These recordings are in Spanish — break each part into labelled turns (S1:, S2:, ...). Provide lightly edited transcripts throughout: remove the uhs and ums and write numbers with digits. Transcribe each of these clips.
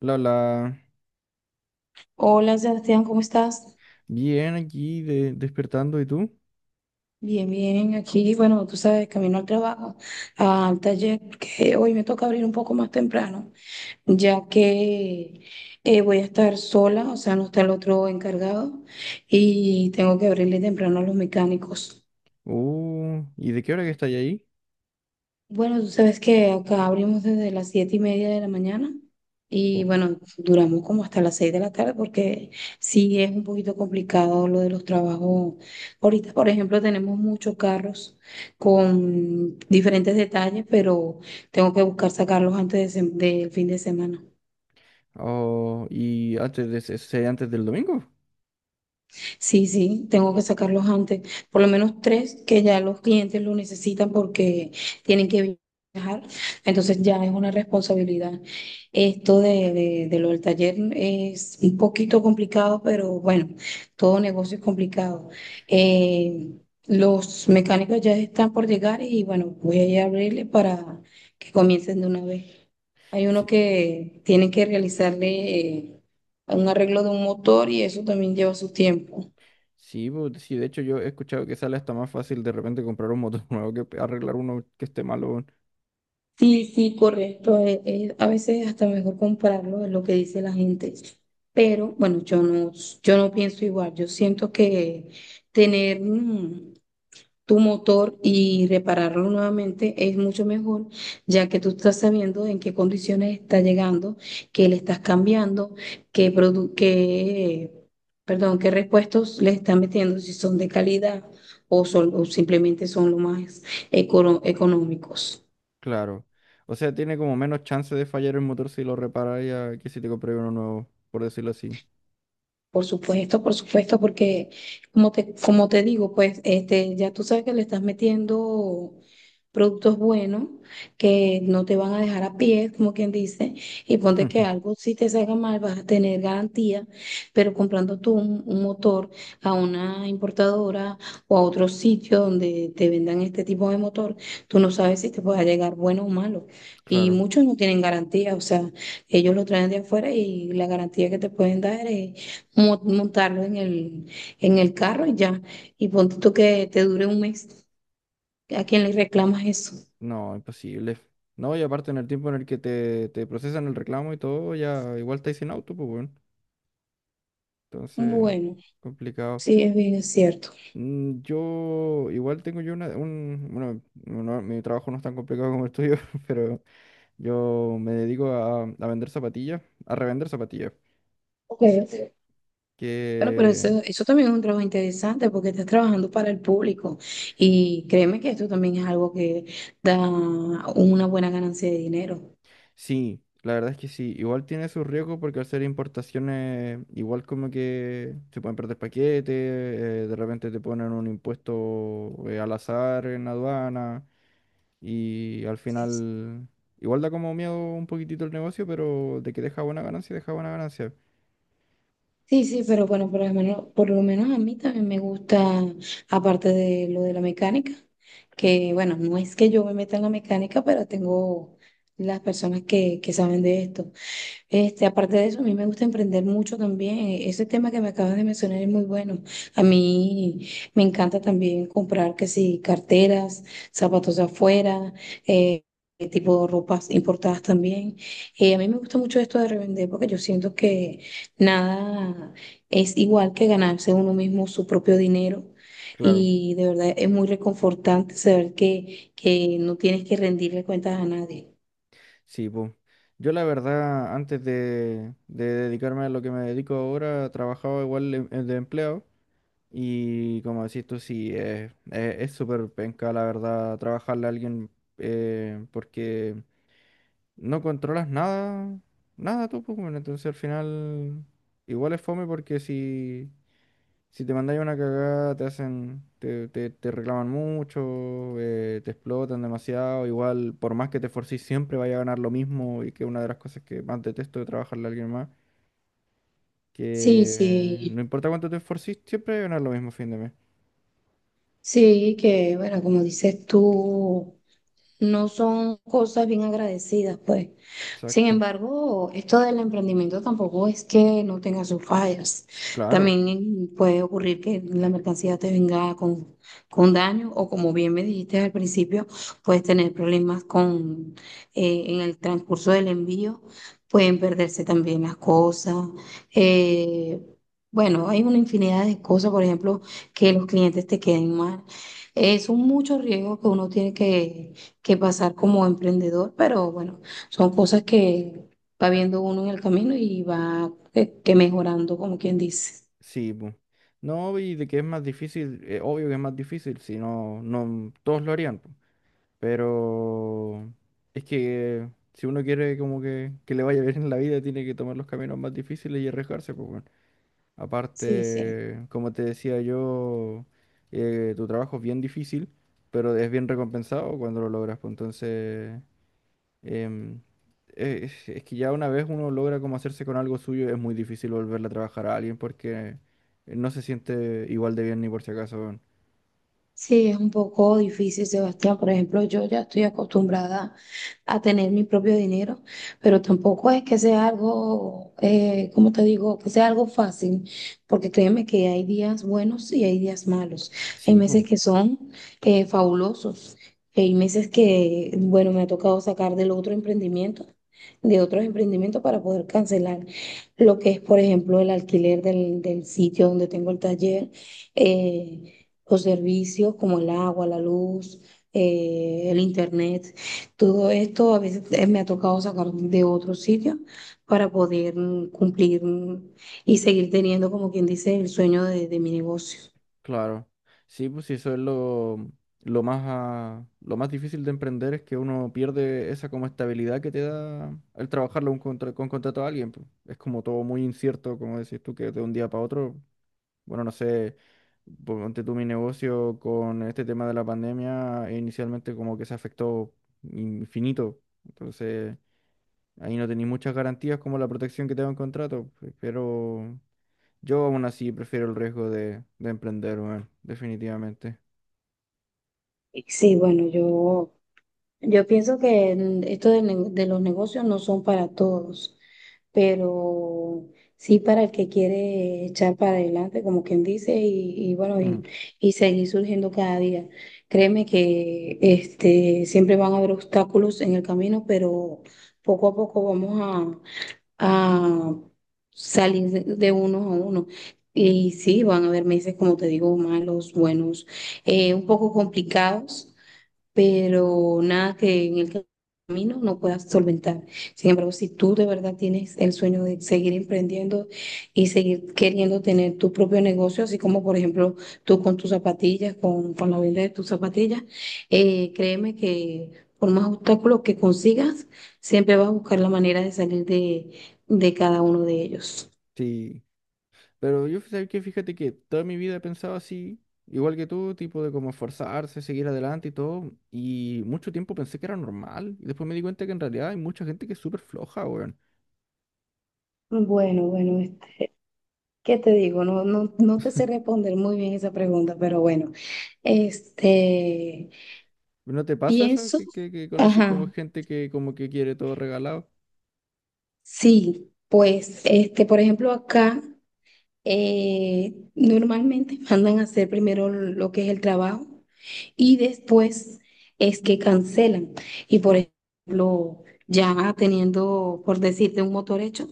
S1: La, la,
S2: Hola Sebastián, ¿cómo estás?
S1: bien aquí despertando, ¿y tú?
S2: Bien, bien, aquí, bueno, tú sabes, camino al trabajo, al taller, que hoy me toca abrir un poco más temprano, ya que voy a estar sola, o sea, no está el otro encargado y tengo que abrirle temprano a los mecánicos.
S1: ¿Y de qué hora que estáis ahí?
S2: Bueno, tú sabes que acá abrimos desde las 7:30 de la mañana y
S1: Oh.
S2: bueno, duramos como hasta las 6 de la tarde porque sí es un poquito complicado lo de los trabajos. Ahorita, por ejemplo, tenemos muchos carros con diferentes detalles, pero tengo que buscar sacarlos antes de del fin de semana.
S1: Oh, ¿y antes de antes del domingo?
S2: Sí, sí, tengo que
S1: Oh,
S2: sacarlos antes, por lo menos tres que ya los clientes lo necesitan porque tienen que viajar, entonces ya es una responsabilidad. Esto de lo del taller es un poquito complicado, pero bueno, todo negocio es complicado. Eh, los mecánicos ya están por llegar y bueno, voy a ir a abrirle para que comiencen de una vez. Hay uno
S1: sí.
S2: que tiene que realizarle un arreglo de un motor y eso también lleva su tiempo.
S1: Sí, de hecho yo he escuchado que sale hasta más fácil de repente comprar un motor nuevo que arreglar uno que esté malo, weón.
S2: Sí, sí, correcto. A veces hasta mejor compararlo es lo que dice la gente. Pero bueno, yo no pienso igual. Yo siento que tener tu motor y repararlo nuevamente es mucho mejor, ya que tú estás sabiendo en qué condiciones está llegando, qué le estás cambiando, qué produ- qué, perdón, qué repuestos le estás metiendo, si son de calidad o, o simplemente son lo más económicos.
S1: Claro. O sea, tiene como menos chance de fallar el motor si lo reparas ya que si te compras uno nuevo, por decirlo así.
S2: Por supuesto, porque como te digo, pues este, ya tú sabes que le estás metiendo productos buenos que no te van a dejar a pie, como quien dice, y ponte que algo si te salga mal vas a tener garantía, pero comprando tú un motor a una importadora o a otro sitio donde te vendan este tipo de motor, tú no sabes si te pueda llegar bueno o malo. Y
S1: Claro.
S2: muchos no tienen garantía, o sea, ellos lo traen de afuera y la garantía que te pueden dar es montarlo en el carro y ya. Y ponte tú que te dure un mes. ¿A quién le reclamas eso?
S1: No, imposible. No, y aparte en el tiempo en el que te procesan el reclamo y todo, ya igual estáis sin auto, pues bueno. Entonces,
S2: Bueno,
S1: complicado.
S2: sí, es cierto.
S1: Yo igual tengo yo una, un, bueno, no- no, mi trabajo no es tan complicado como el tuyo, pero yo me dedico a vender zapatillas, a revender zapatillas,
S2: Ok. Bueno, pero eso,
S1: que...
S2: eso también es un trabajo interesante porque estás trabajando para el público y créeme que esto también es algo que da una buena ganancia de dinero.
S1: Sí, la verdad es que sí. Igual tiene sus riesgos porque al ser importaciones, igual como que se pueden perder paquetes, de repente te ponen un impuesto, al azar en aduana y al
S2: Sí. Sí.
S1: final igual da como miedo un poquitito el negocio, pero de que deja buena ganancia, deja buena ganancia.
S2: Sí, sí, pero bueno, por lo menos a mí también me gusta, aparte de lo de la mecánica, que bueno, no es que yo me meta en la mecánica, pero tengo las personas que saben de esto. Este, aparte de eso, a mí me gusta emprender mucho también. Ese tema que me acabas de mencionar es muy bueno. A mí me encanta también comprar, que sí, carteras, zapatos de afuera, eh, tipo ropas importadas también. A mí me gusta mucho esto de revender porque yo siento que nada es igual que ganarse uno mismo su propio dinero.
S1: Claro,
S2: Y de verdad es muy reconfortante saber que no tienes que rendirle cuentas a nadie.
S1: sí, pues. Yo la verdad, antes de dedicarme a lo que me dedico ahora, trabajaba igual de empleado. Y como decís tú, sí, eh, es súper penca, la verdad, trabajarle a alguien, porque no controlas nada, nada tú, pues, bueno, entonces al final igual es fome porque si te mandáis una cagada te hacen, te reclaman mucho, te explotan demasiado, igual por más que te esforcís siempre vaya a ganar lo mismo y que una de las cosas que más detesto de trabajarle a alguien más,
S2: Sí,
S1: que
S2: sí.
S1: no importa cuánto te esforcís, siempre vas a ganar lo mismo a fin de mes.
S2: Sí, que bueno, como dices tú no son cosas bien agradecidas, pues. Sin
S1: Exacto,
S2: embargo, esto del emprendimiento tampoco es que no tenga sus fallas.
S1: claro.
S2: También puede ocurrir que la mercancía te venga con daño o como bien me dijiste al principio, puedes tener problemas con en el transcurso del envío, pueden perderse también las cosas. eh, bueno, hay una infinidad de cosas, por ejemplo, que los clientes te queden mal. Son muchos riesgos que uno tiene que pasar como emprendedor, pero bueno, son cosas que va viendo uno en el camino y va que mejorando, como quien dice.
S1: Sí, pues. No, y de que es más difícil, obvio que es más difícil, si no, no todos lo harían, po. Pero es que si uno quiere como que le vaya bien en la vida, tiene que tomar los caminos más difíciles y arriesgarse, pues bueno.
S2: Sí, sí.
S1: Aparte, como te decía yo, tu trabajo es bien difícil, pero es bien recompensado cuando lo logras, pues entonces... Em, es que ya una vez uno logra como hacerse con algo suyo, es muy difícil volverle a trabajar a alguien porque, no se siente igual de bien ni por si acaso, weón.
S2: Sí, es un poco difícil, Sebastián. Por ejemplo, yo ya estoy acostumbrada a tener mi propio dinero, pero tampoco es que sea algo, ¿cómo te digo? Que sea algo fácil, porque créeme que hay días buenos y hay días malos. Hay
S1: Sí, pues,
S2: meses que son fabulosos, hay meses que, bueno, me ha tocado sacar del otro emprendimiento, de otros emprendimientos para poder cancelar lo que es, por ejemplo, el alquiler del sitio donde tengo el taller. eh, los servicios como el agua, la luz, el internet, todo esto a veces me ha tocado sacar de otro sitio para poder cumplir y seguir teniendo, como quien dice, el sueño de mi negocio.
S1: claro. Sí, pues sí, eso es lo más, ah, lo más difícil de emprender es que uno pierde esa como estabilidad que te da el trabajarlo un con contrato a alguien, pues. Es como todo muy incierto, como decís tú, que de un día para otro. Bueno, no sé, ponte tú mi negocio con este tema de la pandemia, e inicialmente como que se afectó infinito. Entonces, ahí no tenéis muchas garantías como la protección que te da un contrato, pero yo aún así prefiero el riesgo de emprender, weón, definitivamente.
S2: Sí, bueno, yo pienso que esto de los negocios no son para todos. Pero sí para el que quiere echar para adelante, como quien dice, y bueno, y,
S1: Ujú.
S2: y seguir surgiendo cada día. Créeme que este, siempre van a haber obstáculos en el camino, pero poco a poco vamos a salir de unos a uno. Y sí, van a haber meses, como te digo, malos, buenos, un poco complicados, pero nada que en el camino no puedas solventar. Sin embargo, si tú de verdad tienes el sueño de seguir emprendiendo y seguir queriendo tener tu propio negocio, así como por ejemplo tú con tus zapatillas, con la venta de tus zapatillas, créeme que por más obstáculos que consigas, siempre vas a buscar la manera de salir de cada uno de ellos.
S1: Sí, pero yo sé que fíjate que toda mi vida he pensado así, igual que tú, tipo de como esforzarse, seguir adelante y todo, y mucho tiempo pensé que era normal, y después me di cuenta que en realidad hay mucha gente que es súper floja, weón.
S2: Bueno, bueno, este, ¿qué te digo? No, no, no te sé responder muy bien esa pregunta, pero bueno, este,
S1: ¿No te pasa eso?
S2: pienso,
S1: Que conocí como
S2: ajá.
S1: gente que como que quiere todo regalado.
S2: Sí, pues, este, por ejemplo, acá normalmente mandan a hacer primero lo que es el trabajo y después es que cancelan. Y por ejemplo, ya teniendo, por decirte, un motor hecho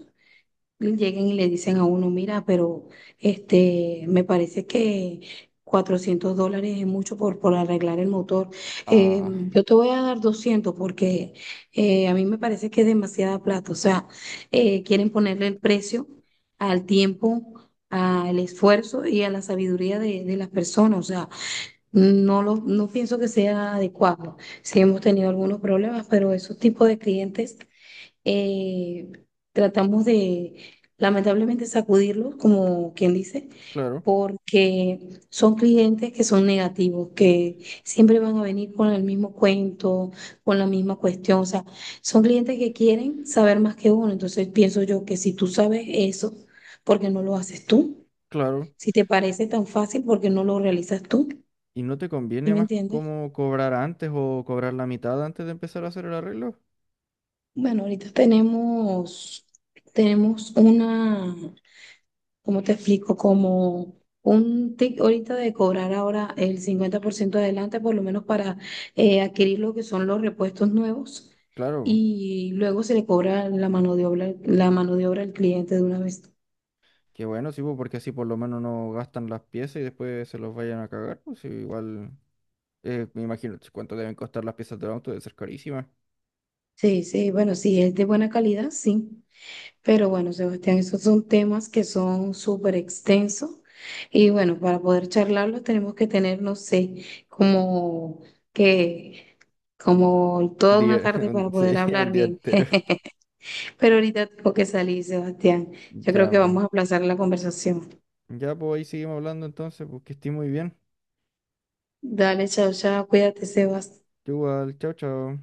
S2: lleguen y le dicen a uno, mira, pero este, me parece que $400 es mucho por arreglar el motor. Eh,
S1: Ah,
S2: yo te voy a dar 200 porque a mí me parece que es demasiada plata. O sea, quieren ponerle el precio al tiempo, al esfuerzo y a la sabiduría de las personas. O sea, no pienso que sea adecuado. Sí hemos tenido algunos problemas, pero esos tipos de clientes eh, tratamos de, lamentablemente, sacudirlos, como quien dice,
S1: claro,
S2: porque son clientes que son negativos, que siempre van a venir con el mismo cuento, con la misma cuestión. O sea, son clientes que quieren saber más que uno. Entonces, pienso yo que si tú sabes eso, ¿por qué no lo haces tú?
S1: claro.
S2: Si te parece tan fácil, ¿por qué no lo realizas tú?
S1: ¿Y no te
S2: ¿Sí
S1: conviene
S2: me
S1: más
S2: entiendes?
S1: como cobrar antes o cobrar la mitad antes de empezar a hacer el arreglo?
S2: Bueno, ahorita tenemos una... ¿Cómo te explico? Como un tic ahorita de cobrar ahora el 50% adelante, por lo menos para adquirir lo que son los repuestos nuevos,
S1: Claro,
S2: y luego se le cobra la mano de obra, la mano de obra al cliente de una vez.
S1: qué bueno, sí, pues, porque así por lo menos no gastan las piezas y después se los vayan a cagar. Pues sí, igual, me imagino cuánto deben costar las piezas del auto, debe ser carísima.
S2: Sí, sí, bueno, sí, es de buena calidad, sí. Pero bueno, Sebastián, esos son temas que son súper extensos. Y bueno, para poder charlarlos tenemos que tener, no sé, como que, como toda una
S1: Día,
S2: tarde para poder
S1: sí,
S2: hablar
S1: un día
S2: bien.
S1: entero.
S2: Pero ahorita tengo que salir, Sebastián. Yo creo
S1: Ya,
S2: que
S1: pues.
S2: vamos a aplazar la conversación.
S1: Ya, pues ahí seguimos hablando entonces, pues que estés muy bien.
S2: Dale, chao, chao. Cuídate, Sebastián.
S1: Tú igual, chao, chao.